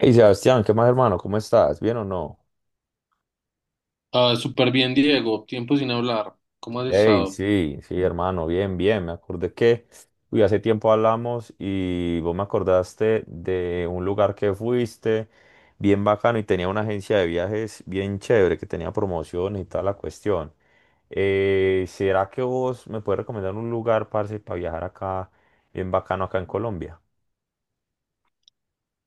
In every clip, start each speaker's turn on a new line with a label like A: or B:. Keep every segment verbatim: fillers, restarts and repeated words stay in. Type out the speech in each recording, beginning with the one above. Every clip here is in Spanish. A: Hey Sebastián, ¿qué más, hermano? ¿Cómo estás? ¿Bien o no?
B: Ah, súper bien, Diego. Tiempo sin hablar. ¿Cómo has
A: Hey,
B: estado?
A: sí, sí, hermano, bien, bien. Me acordé que uy, hace tiempo hablamos y vos me acordaste de un lugar que fuiste bien bacano y tenía una agencia de viajes bien chévere que tenía promociones y toda la cuestión. Eh, ¿será que vos me puedes recomendar un lugar, parce, para viajar acá bien bacano, acá en Colombia?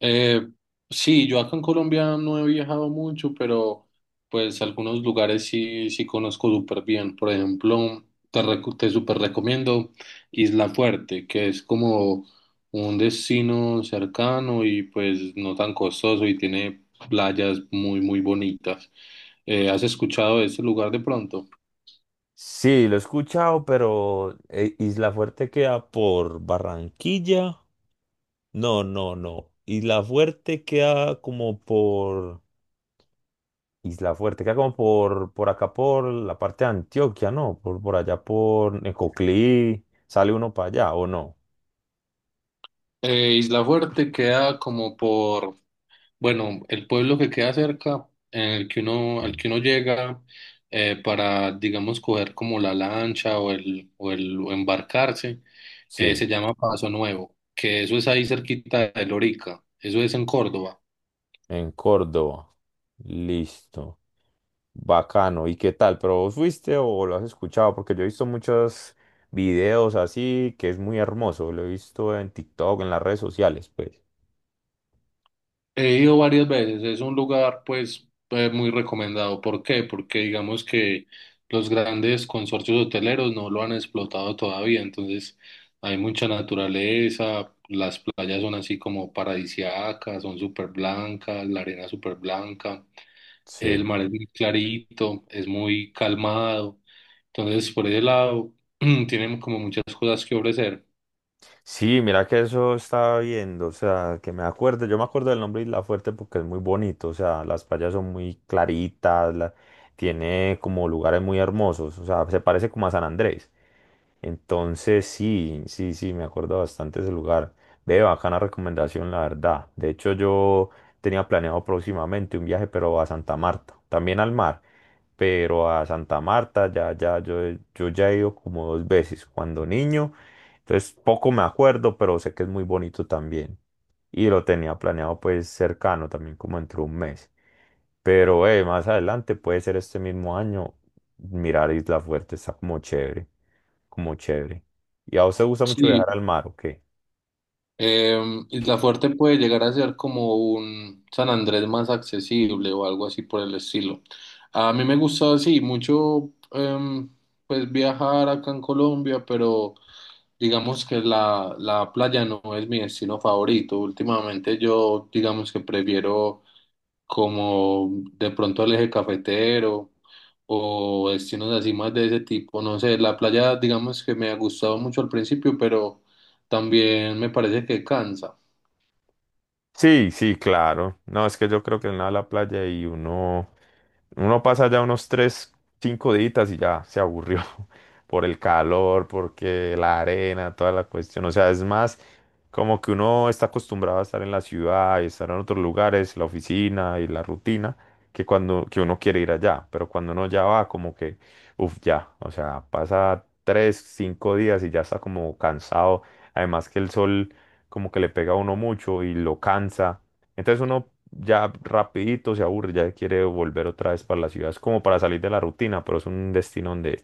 B: Eh, sí, yo acá en Colombia no he viajado mucho, pero pues algunos lugares sí, sí conozco súper bien. Por ejemplo, te, recu- te súper recomiendo Isla Fuerte, que es como un destino cercano y pues no tan costoso y tiene playas muy, muy bonitas. Eh, ¿has escuchado de ese lugar de pronto?
A: Sí, lo he escuchado, pero eh, Isla Fuerte queda por Barranquilla. No, no, no. Isla Fuerte queda como por... Isla Fuerte queda como por, por acá, por la parte de Antioquia, ¿no? Por, por allá, por Necoclí. ¿Sale uno para allá o no?
B: Eh, Isla Fuerte queda como por, bueno, el pueblo que queda cerca, en el que uno, al
A: Sí.
B: que uno llega eh, para, digamos, coger como la lancha o el, o el o embarcarse, eh,
A: Sí,
B: se llama Paso Nuevo, que eso es ahí cerquita de Lorica, eso es en Córdoba.
A: en Córdoba. Listo. Bacano. ¿Y qué tal? ¿Pero vos fuiste o lo has escuchado? Porque yo he visto muchos videos así, que es muy hermoso. Lo he visto en TikTok, en las redes sociales, pues.
B: He ido varias veces, es un lugar pues eh, muy recomendado. ¿Por qué? Porque digamos que los grandes consorcios hoteleros no lo han explotado todavía, entonces hay mucha naturaleza, las playas son así como paradisíacas, son súper blancas, la arena súper blanca, el
A: Sí.
B: mar es muy clarito, es muy calmado, entonces por ese lado tienen como muchas cosas que ofrecer.
A: Sí, mira que eso estaba viendo, o sea, que me acuerdo, yo me acuerdo del nombre Isla Fuerte porque es muy bonito, o sea, las playas son muy claritas, la- tiene como lugares muy hermosos, o sea, se parece como a San Andrés. Entonces, sí, sí, sí, me acuerdo bastante ese lugar. Ve, bacana recomendación, la verdad. De hecho, yo tenía planeado próximamente un viaje, pero a Santa Marta, también al mar, pero a Santa Marta ya, ya, yo, yo ya he ido como dos veces cuando niño, entonces poco me acuerdo, pero sé que es muy bonito también. Y lo tenía planeado, pues, cercano también, como entre un mes. Pero eh, más adelante, puede ser este mismo año, mirar Isla Fuerte está como chévere, como chévere. ¿Y a vos te gusta mucho
B: Sí.
A: viajar al mar o qué?
B: Em, Isla Fuerte puede llegar a ser como un San Andrés más accesible o algo así por el estilo. A mí me gusta así mucho em, pues viajar acá en Colombia, pero digamos que la, la playa no es mi destino favorito. Últimamente yo digamos que prefiero como de pronto el eje cafetero o destinos así más de ese tipo. No sé, la playa digamos que me ha gustado mucho al principio, pero también me parece que cansa.
A: Sí, sí, claro. No, es que yo creo que en la playa y uno, uno pasa ya unos tres, cinco días y ya se aburrió por el calor, porque la arena, toda la cuestión. O sea, es más como que uno está acostumbrado a estar en la ciudad y estar en otros lugares, la oficina y la rutina, que cuando que uno quiere ir allá. Pero cuando uno ya va, como que, uff, ya. O sea, pasa tres, cinco días y ya está como cansado. Además que el sol como que le pega a uno mucho y lo cansa. Entonces uno ya rapidito se aburre, ya quiere volver otra vez para la ciudad. Es como para salir de la rutina, pero es un destino donde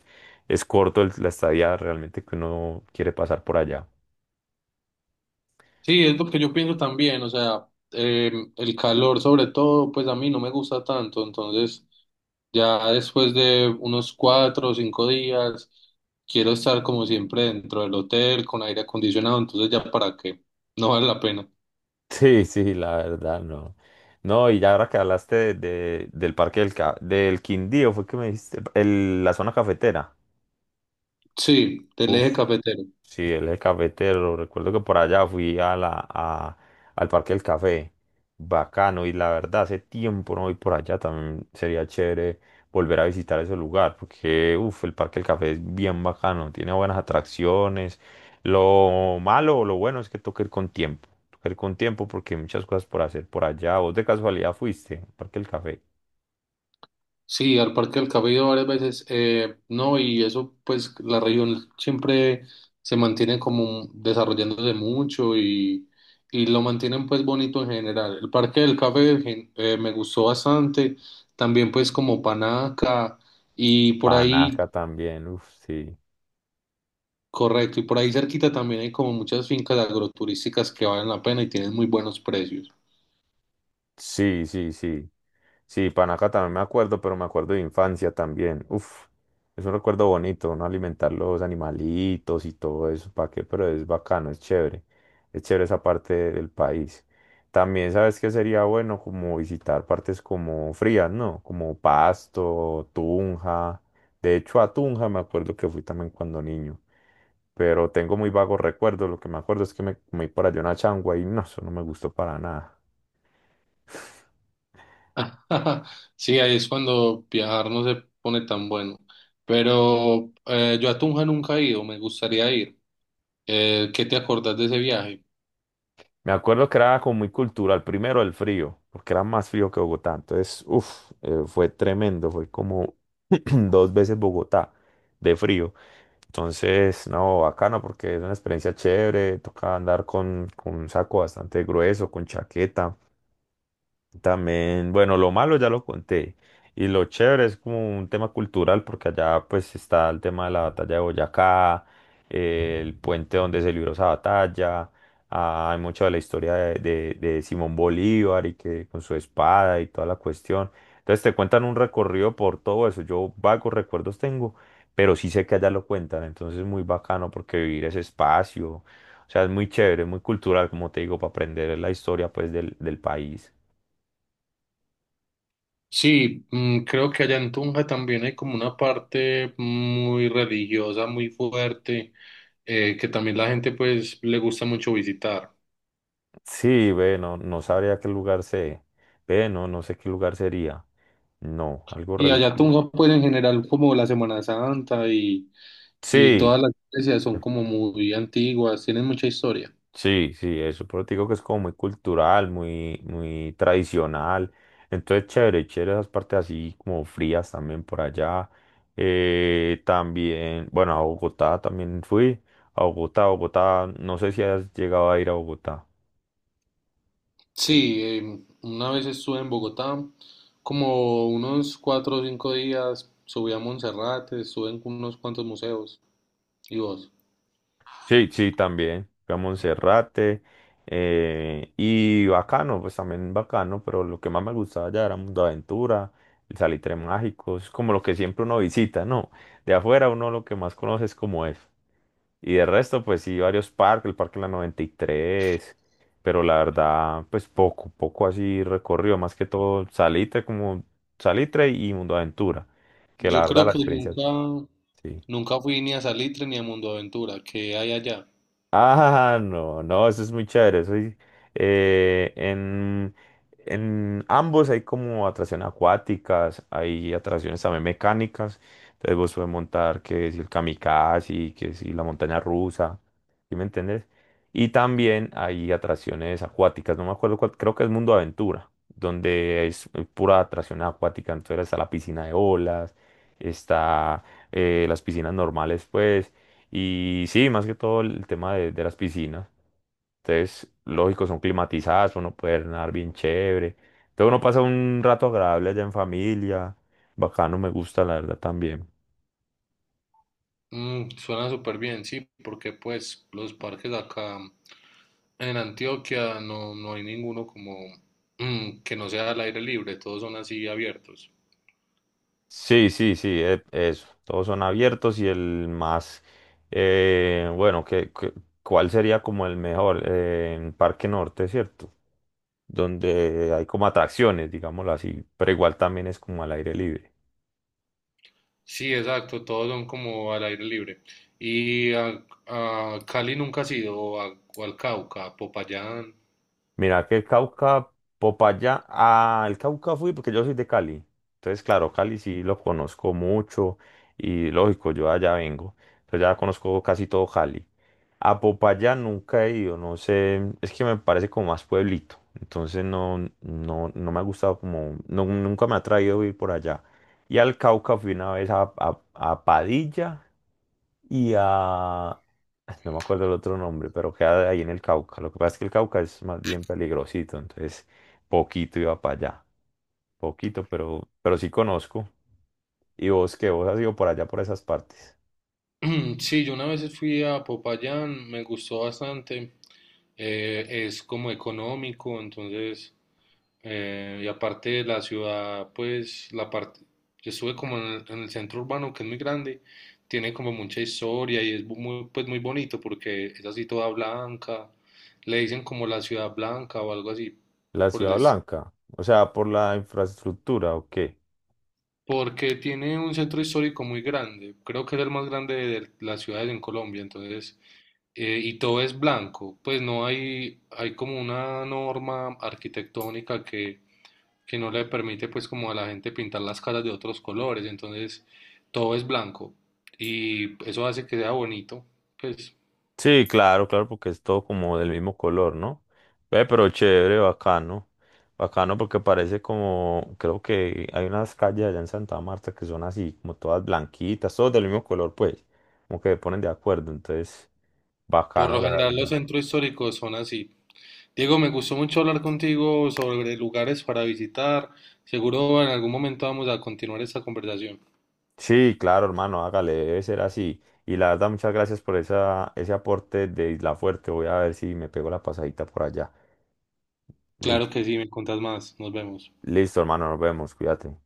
A: es corto el- la estadía realmente que uno quiere pasar por allá.
B: Sí, es lo que yo pienso también, o sea, eh, el calor sobre todo, pues a mí no me gusta tanto, entonces ya después de unos cuatro o cinco días, quiero estar como siempre dentro del hotel con aire acondicionado, entonces ya para qué, no vale la pena.
A: Sí, sí, la verdad, no. No, y ya ahora que hablaste de- de- del parque del, Ca- del Quindío, fue que me dijiste, el- la zona cafetera.
B: Sí, del eje cafetero.
A: Sí, él es cafetero. Recuerdo que por allá fui a la, a- al Parque del Café. Bacano. Y la verdad, hace tiempo no voy por allá. También sería chévere volver a visitar ese lugar. Porque, uff, el Parque del Café es bien bacano. Tiene buenas atracciones. Lo malo o lo bueno es que toca ir con tiempo. Toca ir con tiempo porque hay muchas cosas por hacer por allá. ¿Vos de casualidad fuiste al Parque del Café?
B: Sí, al Parque del Café he ido varias veces, eh, no, y eso pues la región siempre se mantiene como desarrollándose mucho y, y lo mantienen pues bonito en general. El Parque del Café gen- eh, Me gustó bastante, también pues como Panaca y por ahí,
A: Panaca también, uff, sí.
B: correcto, y por ahí cerquita también hay como muchas fincas agroturísticas que valen la pena y tienen muy buenos precios.
A: Sí, sí, sí. Sí, Panaca también me acuerdo, pero me acuerdo de infancia también. Uf, es un recuerdo bonito, ¿no? Alimentar los animalitos y todo eso, ¿para qué? Pero es bacano, es chévere. Es chévere esa parte del país. También, ¿sabes qué sería bueno? Como visitar partes como frías, ¿no? Como Pasto, Tunja. De hecho, a Tunja me acuerdo que fui también cuando niño. Pero tengo muy vagos recuerdos. Lo que me acuerdo es que me comí por allá una changua y no, eso no me gustó para nada.
B: Sí, ahí es cuando viajar no se pone tan bueno. Pero eh, yo a Tunja nunca he ido, me gustaría ir. Eh, ¿qué te acordás de ese viaje?
A: Me acuerdo que era como muy cultural. Primero el frío, porque era más frío que Bogotá. Entonces, uff, fue tremendo. Fue como dos veces Bogotá de frío. Entonces, no, bacano porque es una experiencia chévere. Toca andar con, con un saco bastante grueso, con chaqueta. También, bueno, lo malo ya lo conté. Y lo chévere es como un tema cultural, porque allá pues está el tema de la batalla de Boyacá, eh, el puente donde se libró esa batalla, ah, hay mucho de la historia de, de- de Simón Bolívar y que con su espada y toda la cuestión. Entonces te cuentan un recorrido por todo eso. Yo vagos recuerdos tengo, pero sí sé que allá lo cuentan. Entonces es muy bacano porque vivir ese espacio, o sea, es muy chévere, muy cultural, como te digo, para aprender la historia, pues, del del país.
B: Sí, mm, creo que allá en Tunja también hay como una parte muy religiosa, muy fuerte, eh, que también la gente pues le gusta mucho visitar.
A: Sí, ve, no, no sabría qué lugar sé. Ve, no, no sé qué lugar sería. No, algo
B: Y allá
A: religioso.
B: Tunja pues en general como la Semana Santa y, y
A: Sí,
B: todas las iglesias son como muy antiguas, tienen mucha historia.
A: sí, sí, eso, pero te digo que es como muy cultural, muy, muy tradicional. Entonces, chévere, chévere esas partes así como frías también por allá. Eh, también, bueno, a Bogotá también fui. A Bogotá, Bogotá, no sé si has llegado a ir a Bogotá.
B: Sí, em, una vez estuve en Bogotá, como unos cuatro o cinco días, subí a Montserrat, estuve en unos cuantos museos. ¿Y vos?
A: Sí, sí, también. Fui a Monserrate, eh, y bacano, pues también bacano, pero lo que más me gustaba ya era Mundo Aventura, el Salitre Mágico, es como lo que siempre uno visita, ¿no? De afuera uno lo que más conoce es como es. Y de resto, pues sí, varios parques, el Parque de la noventa y tres. Pero la verdad, pues, poco, poco así recorrido, más que todo Salitre, como Salitre y Mundo Aventura, que la
B: Yo
A: verdad
B: creo
A: la
B: que
A: experiencia,
B: nunca,
A: sí.
B: nunca fui ni a Salitre ni a Mundo Aventura, que hay allá?
A: Ah, no, no, eso es muy chévere. Eso es, eh, en, en ambos hay como atracciones acuáticas, hay atracciones también mecánicas. Entonces vos puedes montar que si el kamikaze, que si la montaña rusa, ¿sí me entiendes? Y también hay atracciones acuáticas, no me acuerdo cuál, creo que es Mundo Aventura, donde es eh, pura atracción acuática. Entonces está la piscina de olas, está, eh, las piscinas normales, pues. Y sí, más que todo el tema de, de las piscinas. Entonces, lógico, son climatizadas, uno puede nadar bien chévere. Entonces uno pasa un rato agradable allá en familia. Bacano, me gusta, la verdad, también.
B: Mm, suena súper bien, sí, porque pues los parques acá en Antioquia no, no hay ninguno como mm, que no sea al aire libre, todos son así abiertos.
A: Sí, sí, sí, e- eso. Todos son abiertos y el más, eh, bueno, que, que- ¿cuál sería como el mejor? Eh, ¿en Parque Norte, cierto? Donde hay como atracciones, digámoslo así, pero igual también es como al aire libre.
B: Sí, exacto, todos son como al aire libre. Y a, a Cali nunca ha ido, o, a- o al Cauca, a Popayán.
A: Mira, que el Cauca, Popayán, ah, el Cauca fui porque yo soy de Cali. Entonces, claro, Cali sí lo conozco mucho y lógico, yo allá vengo. Entonces ya conozco casi todo Cali. A Popayán nunca he ido, no sé, es que me parece como más pueblito. Entonces no, no, no me ha gustado como, no- nunca me ha traído ir por allá. Y al Cauca fui una vez a, a a Padilla y a... No me acuerdo el otro nombre, pero queda ahí en el Cauca. Lo que pasa es que el Cauca es más bien peligrosito, entonces poquito iba para allá. Poquito, pero, pero sí conozco. ¿Y vos qué? ¿Vos has ido por allá, por esas partes?
B: Sí, yo una vez fui a Popayán, me gustó bastante. Eh, es como económico, entonces, eh, y aparte de la ciudad, pues la parte, yo estuve como en el, en el centro urbano, que es muy grande, tiene como mucha historia y es bu- muy, pues muy bonito porque es así toda blanca, le dicen como la ciudad blanca o algo así
A: ¿La
B: por el
A: Ciudad Blanca? O sea, ¿por la infraestructura o qué?
B: porque tiene un centro histórico muy grande, creo que es el más grande de las ciudades en Colombia, entonces, eh, y todo es blanco, pues no hay, hay como una norma arquitectónica que, que no le permite pues como a la gente pintar las casas de otros colores, entonces todo es blanco y eso hace que sea bonito, pues
A: Sí, claro, claro, porque es todo como del mismo color, ¿no? Ve, pero chévere, bacano. Bacano porque parece como, creo que hay unas calles allá en Santa Marta que son así, como todas blanquitas, todas del mismo color, pues, como que se ponen de acuerdo, entonces,
B: por
A: bacano,
B: lo
A: la
B: general los
A: verdad.
B: centros históricos son así. Diego, me gustó mucho hablar contigo sobre lugares para visitar, seguro en algún momento vamos a continuar esta conversación.
A: Sí, claro, hermano, hágale, debe ser así. Y la verdad, muchas gracias por esa, ese aporte de Isla Fuerte. Voy a ver si me pego la pasadita por allá.
B: Claro
A: Listo,
B: que sí, me contás más. Nos vemos.
A: listo, hermano, nos vemos, cuídate.